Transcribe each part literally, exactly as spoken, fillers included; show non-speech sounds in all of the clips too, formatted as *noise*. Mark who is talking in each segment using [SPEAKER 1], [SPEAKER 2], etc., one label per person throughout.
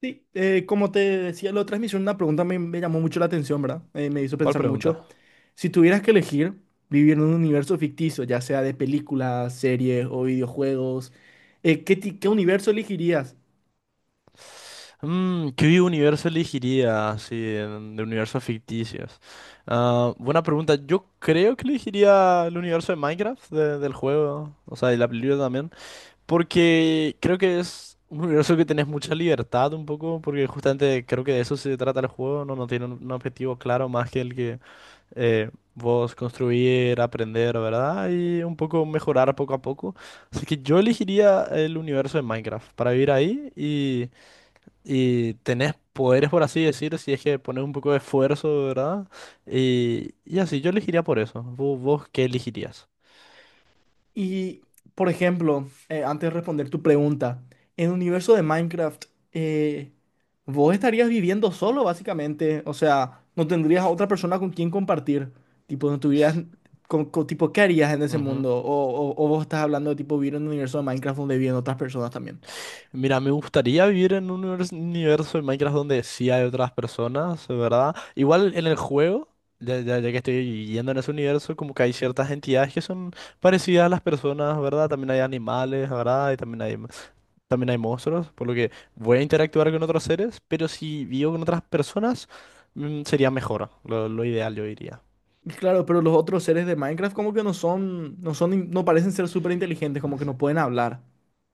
[SPEAKER 1] Sí, eh, como te decía, la otra vez una pregunta, me, me llamó mucho la atención, ¿verdad? Eh, me hizo
[SPEAKER 2] ¿Cuál
[SPEAKER 1] pensar
[SPEAKER 2] pregunta?
[SPEAKER 1] mucho. Si tuvieras que elegir vivir en un universo ficticio, ya sea de películas, series o videojuegos, eh, ¿qué, ti- qué universo elegirías?
[SPEAKER 2] Mm, ¿qué universo elegiría así en- de universos ficticios? Ah, buena pregunta. Yo creo que elegiría el universo de Minecraft de- del juego, o sea, y la película también, porque creo que es un universo que tenés mucha libertad un poco, porque justamente creo que de eso se trata el juego, no, no tiene un, un objetivo claro más que el que eh, vos construir, aprender, ¿verdad? Y un poco mejorar poco a poco. Así que yo elegiría el universo de Minecraft para vivir ahí y tenés poderes, por así decir, si es que pones un poco de esfuerzo, ¿verdad? Y, y así, yo elegiría por eso. ¿Vos, vos ¿qué elegirías?
[SPEAKER 1] Y, por ejemplo, eh, antes de responder tu pregunta, en el universo de Minecraft, eh, vos estarías viviendo solo, básicamente. O sea, no tendrías a otra persona con quien compartir. Tipo, no tuvieras... con- con- tipo, ¿qué harías en ese
[SPEAKER 2] Ujú.
[SPEAKER 1] mundo? O, o, o vos estás hablando de tipo vivir en un universo de Minecraft donde viven otras personas también.
[SPEAKER 2] Mira, me gustaría vivir en un univers- universo de Minecraft donde sí hay otras personas, ¿verdad? Igual en el juego, ya, ya- ya que estoy yendo en ese universo, como que hay ciertas entidades que son parecidas a las personas, ¿verdad? También hay animales, ¿verdad? Y también hay, también hay monstruos, por lo que voy a interactuar con otros seres, pero si vivo con otras personas, mm, sería mejor, lo, lo ideal yo diría.
[SPEAKER 1] Y claro, pero los otros seres de Minecraft como que no son, no son, in- no parecen ser súper inteligentes, como que no pueden hablar.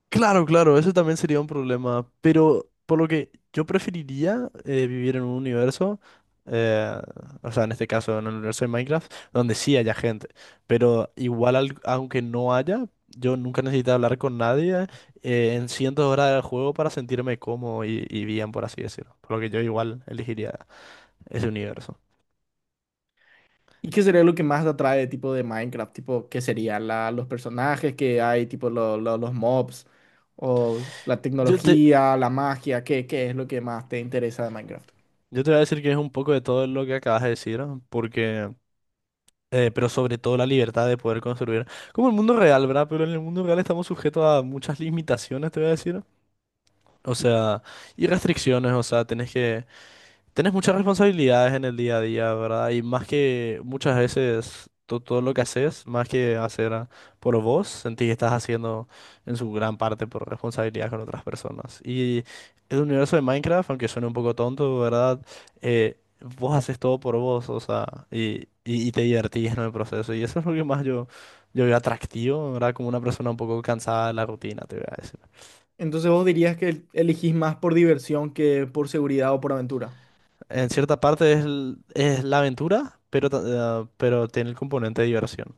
[SPEAKER 2] Claro, claro, eso también sería un problema, pero por lo que yo preferiría eh, vivir en un universo, eh, o sea, en este caso en el universo de Minecraft, donde sí haya gente, pero igual al- aunque no haya, yo nunca necesito hablar con nadie eh, en cientos de horas del juego para sentirme cómodo y, y bien, por así decirlo, por lo que yo igual elegiría ese universo.
[SPEAKER 1] ¿Y qué sería lo que más te atrae tipo de Minecraft? Tipo, ¿qué sería la, los personajes que hay, tipo lo- lo- los mobs, o la
[SPEAKER 2] Yo te,
[SPEAKER 1] tecnología, la magia? ¿Qué, ¿qué es lo que más te interesa de Minecraft?
[SPEAKER 2] yo te voy a decir que es un poco de todo lo que acabas de decir, porque... eh, pero sobre todo la libertad de poder construir. Como el mundo real, ¿verdad? Pero en el mundo real estamos sujetos a muchas limitaciones, te voy a decir. O sea, y restricciones, o sea, tenés que... Tenés muchas responsabilidades en el día a día, ¿verdad? Y más que muchas veces to- todo lo que haces, más que hacer a- por vos, sentís que estás haciendo en su gran parte por responsabilidad con otras personas. Y el universo de Minecraft, aunque suene un poco tonto, ¿verdad? Eh, Vos haces todo por vos, o sea, y, y, y te divertís en el proceso. Y eso es lo que más yo, yo veo atractivo, ¿verdad? Como una persona un poco cansada de la rutina, te voy a decir.
[SPEAKER 1] Entonces vos dirías que el- elegís más por diversión que por seguridad o por aventura.
[SPEAKER 2] En cierta parte es, l- es la aventura, pero, ta- eh, pero tiene el componente de diversión.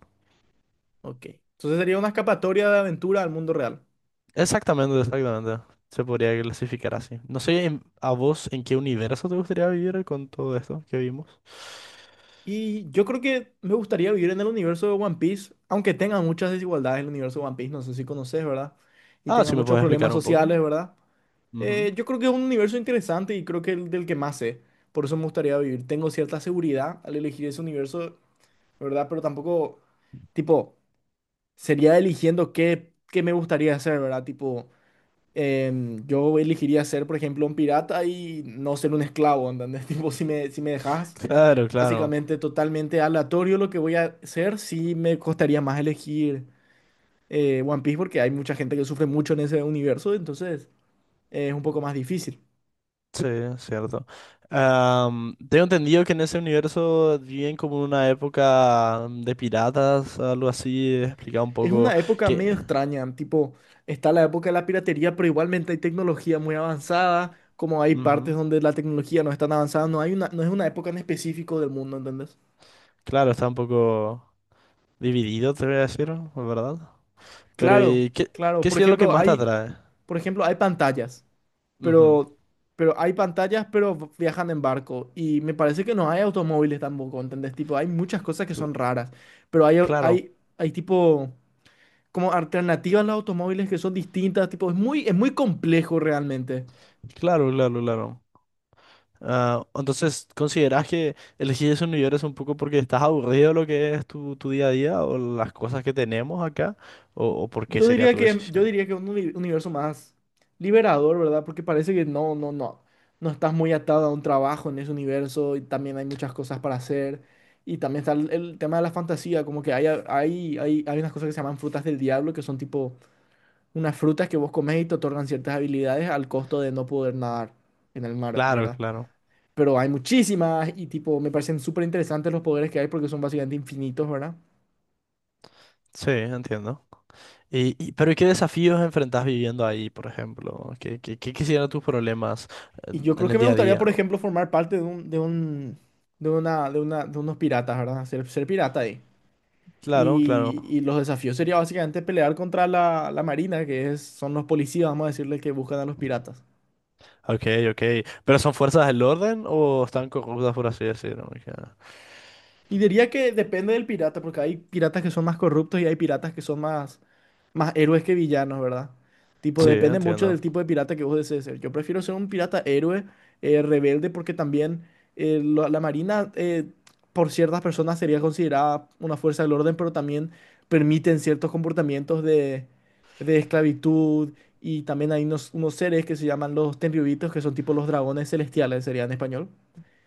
[SPEAKER 1] Ok. Entonces sería una escapatoria de aventura al mundo real.
[SPEAKER 2] Exactamente, exactamente. Se podría clasificar así. No sé en- a vos en qué universo te gustaría vivir con todo esto que vimos.
[SPEAKER 1] Y yo creo que me gustaría vivir en el universo de One Piece, aunque tenga muchas desigualdades el universo de One Piece, no sé si conoces, ¿verdad? Y
[SPEAKER 2] Ah,
[SPEAKER 1] tenga
[SPEAKER 2] si me
[SPEAKER 1] muchos
[SPEAKER 2] puedes
[SPEAKER 1] problemas
[SPEAKER 2] explicar un
[SPEAKER 1] sociales,
[SPEAKER 2] poco.
[SPEAKER 1] ¿verdad? Eh,
[SPEAKER 2] Ujú.
[SPEAKER 1] yo creo que es un universo interesante y creo que el del que más sé. Por eso me gustaría vivir. Tengo cierta seguridad al elegir ese universo, ¿verdad? Pero tampoco, tipo, sería eligiendo qué, qué me gustaría hacer, ¿verdad? Tipo, em, yo elegiría ser, por ejemplo, un pirata y no ser un esclavo, ¿entendés? *laughs* Tipo, si me, si me dejas
[SPEAKER 2] Claro, claro.
[SPEAKER 1] básicamente totalmente aleatorio lo que voy a hacer, sí me costaría más elegir eh, One Piece porque hay mucha gente que sufre mucho en ese universo, entonces eh, es un poco más difícil.
[SPEAKER 2] Sí, es cierto. Am, tengo entendido que en ese universo viven como una época de piratas, algo así. Explicaba un
[SPEAKER 1] Es
[SPEAKER 2] poco
[SPEAKER 1] una época
[SPEAKER 2] que...
[SPEAKER 1] medio extraña, tipo, está la época de la piratería, pero igualmente hay tecnología muy avanzada, como hay partes
[SPEAKER 2] Ujú.
[SPEAKER 1] donde la tecnología no es tan avanzada, no hay una, no es una época en específico del mundo, ¿entendés?
[SPEAKER 2] Claro, está un poco... Dividido, te voy a decir, la ¿verdad? Pero,
[SPEAKER 1] Claro,
[SPEAKER 2] ¿y qué,
[SPEAKER 1] claro.
[SPEAKER 2] ¿qué
[SPEAKER 1] Por
[SPEAKER 2] sería lo que
[SPEAKER 1] ejemplo,
[SPEAKER 2] más te
[SPEAKER 1] hay,
[SPEAKER 2] atrae?
[SPEAKER 1] por ejemplo, hay pantallas,
[SPEAKER 2] Ujú.
[SPEAKER 1] pero, pero hay pantallas, pero v- viajan en barco. Y me parece que no hay automóviles tampoco, ¿entendés? Tipo, hay muchas cosas que
[SPEAKER 2] Cl-
[SPEAKER 1] son raras, pero hay, au-
[SPEAKER 2] Claro,
[SPEAKER 1] hay, hay tipo, como alternativas a los automóviles que son distintas, tipo, es muy, es muy complejo realmente.
[SPEAKER 2] claro, claro, claro. Ah, entonces, ¿consideras que elegís esos universo un poco porque estás aburrido de lo que es tu, tu día a día o las cosas que tenemos acá? ¿O, o por qué
[SPEAKER 1] Yo
[SPEAKER 2] sería
[SPEAKER 1] diría
[SPEAKER 2] tu
[SPEAKER 1] que, yo
[SPEAKER 2] decisión?
[SPEAKER 1] diría que un uni- universo más liberador, ¿verdad? Porque parece que no, no, no, no estás muy atado a un trabajo en ese universo y también hay muchas cosas para hacer. Y también está el, el tema de la fantasía, como que hay, hay, hay, hay unas cosas que se llaman frutas del diablo, que son tipo unas frutas que vos comés y te otorgan ciertas habilidades al costo de no poder nadar en el mar,
[SPEAKER 2] Claro,
[SPEAKER 1] ¿verdad?
[SPEAKER 2] claro.
[SPEAKER 1] Pero hay muchísimas y tipo, me parecen súper interesantes los poderes que hay porque son básicamente infinitos, ¿verdad?
[SPEAKER 2] Sí, entiendo. Y, y- pero ¿y qué desafíos enfrentás viviendo ahí, por ejemplo? ¿Qué, qué, ¿qué quisieran tus problemas
[SPEAKER 1] Y
[SPEAKER 2] en
[SPEAKER 1] yo creo
[SPEAKER 2] en el
[SPEAKER 1] que me
[SPEAKER 2] día a
[SPEAKER 1] gustaría,
[SPEAKER 2] día?
[SPEAKER 1] por ejemplo, formar parte de un, de un, de una, de una, de unos piratas, ¿verdad? Ser, ser pirata ahí.
[SPEAKER 2] Claro, claro.
[SPEAKER 1] Y, y los desafíos sería básicamente pelear contra la, la marina, que es, son los policías, vamos a decirle, que buscan a los piratas.
[SPEAKER 2] Ok, ok. ¿Pero son fuerzas del orden o están corruptas, por así decirlo? Ok.
[SPEAKER 1] Y diría que depende del pirata, porque hay piratas que son más corruptos y hay piratas que son más, más héroes que villanos, ¿verdad? Tipo,
[SPEAKER 2] Sí,
[SPEAKER 1] depende mucho
[SPEAKER 2] entiendo.
[SPEAKER 1] del tipo de pirata que vos desees ser. Yo prefiero ser un pirata héroe, eh, rebelde, porque también eh, lo- la marina, eh, por ciertas personas, sería considerada una fuerza del orden, pero también permiten ciertos comportamientos de, de esclavitud. Y también hay unos, unos seres que se llaman los tenryubitos, que son tipo los dragones celestiales, sería en español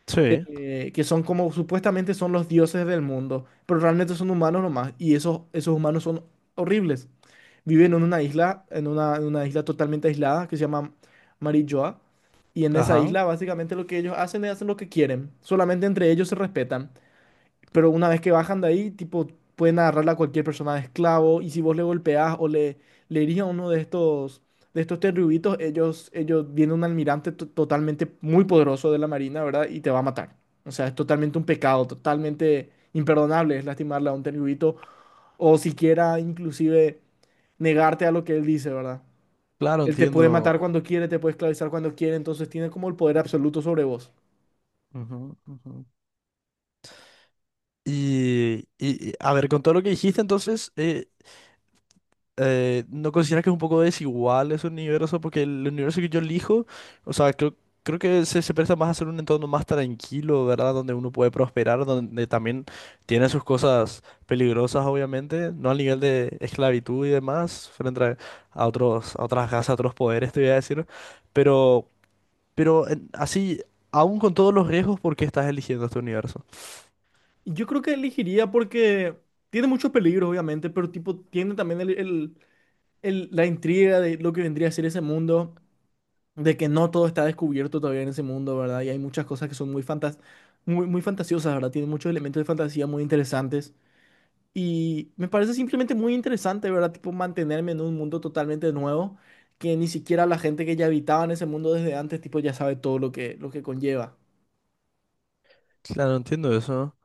[SPEAKER 2] Sí,
[SPEAKER 1] eh, que son como supuestamente son los dioses del mundo, pero realmente son humanos nomás, y esos, esos humanos son horribles. Viven en una isla, en una, en una isla totalmente aislada que se llama Marijoa, y en esa
[SPEAKER 2] ajá.
[SPEAKER 1] isla básicamente lo que ellos hacen es hacen lo que quieren, solamente entre ellos se respetan. Pero una vez que bajan de ahí, tipo, pueden agarrarla a cualquier persona de esclavo. Y si vos le golpeás o le, le herís a uno de estos, de estos terrubitos, ellos, ellos viene un almirante to- totalmente muy poderoso de la Marina, ¿verdad? Y te va a matar. O sea, es totalmente un pecado, totalmente imperdonable es lastimarle a un terrubito. O siquiera inclusive negarte a lo que él dice, ¿verdad?
[SPEAKER 2] Claro,
[SPEAKER 1] Él te puede
[SPEAKER 2] entiendo.
[SPEAKER 1] matar cuando quiere, te puede esclavizar cuando quiere, entonces tiene como el poder absoluto sobre vos.
[SPEAKER 2] Ujú, ujú. Y, y- y, a ver, con todo lo que dijiste, entonces, eh, eh, ¿no consideras que es un poco desigual ese universo? Porque el universo que yo elijo, o sea, creo, creo que se, se presta más a ser un entorno más tranquilo, ¿verdad? Donde uno puede prosperar, donde también tiene sus cosas peligrosas, obviamente, no al nivel de esclavitud y demás, frente a, a otros, a otras casas, a otros poderes, te voy a decir. Pero, pero en- Así, aún con todos los riesgos, ¿por qué estás eligiendo este universo?
[SPEAKER 1] Yo creo que elegiría porque tiene muchos peligros, obviamente, pero tipo tiene también el- el- el- la intriga de lo que vendría a ser ese mundo, de que no todo está descubierto todavía en ese mundo, ¿verdad? Y hay muchas cosas que son muy fantas muy, muy fantasiosas, ¿verdad? Tiene muchos elementos de fantasía muy interesantes. Y me parece simplemente muy interesante, ¿verdad? Tipo mantenerme en un mundo totalmente nuevo, que ni siquiera la gente que ya habitaba en ese mundo desde antes, tipo ya sabe todo lo que, lo que conlleva.
[SPEAKER 2] Claro, entiendo eso.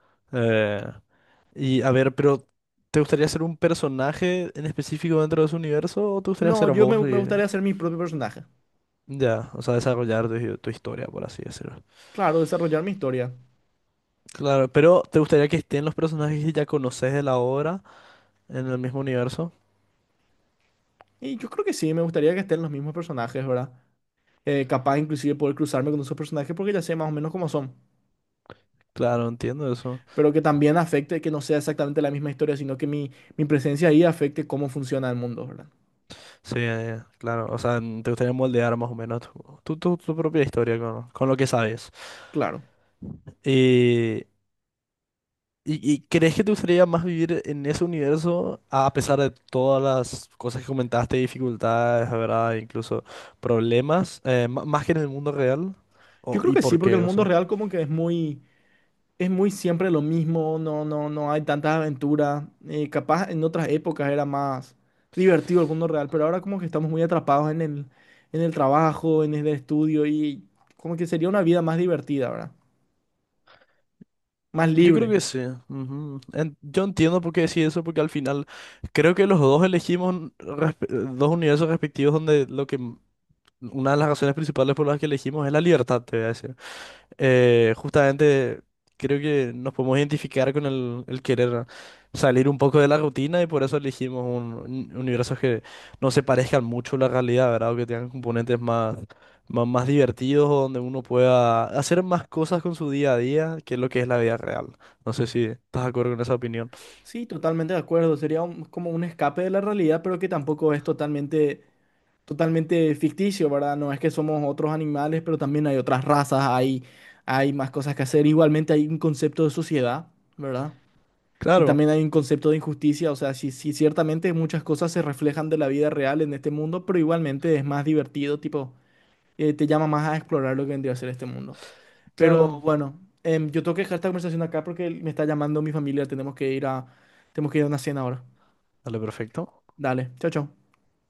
[SPEAKER 2] Y a ver, pero ¿te gustaría ser un personaje en específico dentro de su universo o te gustaría
[SPEAKER 1] No,
[SPEAKER 2] ser
[SPEAKER 1] yo me,
[SPEAKER 2] vos
[SPEAKER 1] me
[SPEAKER 2] y
[SPEAKER 1] gustaría ser mi propio personaje.
[SPEAKER 2] ya, o sea, desarrollar tu, tu historia, por así decirlo?
[SPEAKER 1] Claro, desarrollar mi historia.
[SPEAKER 2] Claro, pero ¿te gustaría que estén los personajes que ya conoces de la obra en el mismo universo?
[SPEAKER 1] Y yo creo que sí, me gustaría que estén los mismos personajes, ¿verdad? Eh, capaz inclusive poder cruzarme con esos personajes porque ya sé más o menos cómo son.
[SPEAKER 2] Claro, entiendo eso.
[SPEAKER 1] Pero que también afecte que no sea exactamente la misma historia, sino que mi, mi presencia ahí afecte cómo funciona el mundo, ¿verdad?
[SPEAKER 2] Sí, eh, claro, o sea, n- te gustaría moldear más o menos tu, tu, tu- tu propia historia con, con lo que sabes.
[SPEAKER 1] Claro.
[SPEAKER 2] Y ¿Y, y crees que te gustaría más vivir en ese universo a pesar de todas las cosas que comentaste, dificultades, ¿verdad? Incluso problemas, eh, ma- más que en el mundo real?
[SPEAKER 1] Yo
[SPEAKER 2] ¿O,
[SPEAKER 1] creo
[SPEAKER 2] ¿y
[SPEAKER 1] que sí,
[SPEAKER 2] por
[SPEAKER 1] porque el
[SPEAKER 2] qué? O
[SPEAKER 1] mundo
[SPEAKER 2] sea,
[SPEAKER 1] real como que es muy, es muy siempre lo mismo, no, no, no hay tantas aventuras. Eh, capaz en otras épocas era más divertido el mundo real, pero ahora como que estamos muy atrapados en el, en el trabajo, en el estudio y como que sería una vida más divertida, ¿verdad? Más
[SPEAKER 2] yo creo
[SPEAKER 1] libre.
[SPEAKER 2] que sí. Ujú. En- yo entiendo por qué decís eso, porque al final creo que los dos elegimos un respe- dos universos respectivos donde lo que m- una de las razones principales por las que elegimos es la libertad, te voy a decir. Eh, justamente creo que nos podemos identificar con el, el querer salir un poco de la rutina y por eso elegimos un, un- universos que no se parezcan mucho a la realidad, ¿verdad? O que tengan componentes más, más, más divertidos o donde uno pueda hacer más cosas con su día a día que lo que es la vida real. No sé si estás de acuerdo con esa opinión.
[SPEAKER 1] Sí, totalmente de acuerdo. Sería un- como un escape de la realidad, pero que tampoco es totalmente, totalmente ficticio, ¿verdad? No es que somos otros animales, pero también hay otras razas, hay, hay más cosas que hacer. Igualmente hay un concepto de sociedad, ¿verdad? Y
[SPEAKER 2] Claro,
[SPEAKER 1] también hay un concepto de injusticia. O sea, sí, sí, ciertamente muchas cosas se reflejan de la vida real en este mundo, pero igualmente es más divertido, tipo, eh, te llama más a explorar lo que vendría a ser este mundo. Pero
[SPEAKER 2] claro.
[SPEAKER 1] bueno, em, yo tengo que dejar esta conversación acá porque me está llamando mi familia, tenemos que ir a, tenemos que ir a una cena ahora.
[SPEAKER 2] Dale, perfecto.
[SPEAKER 1] Dale, chao, chao.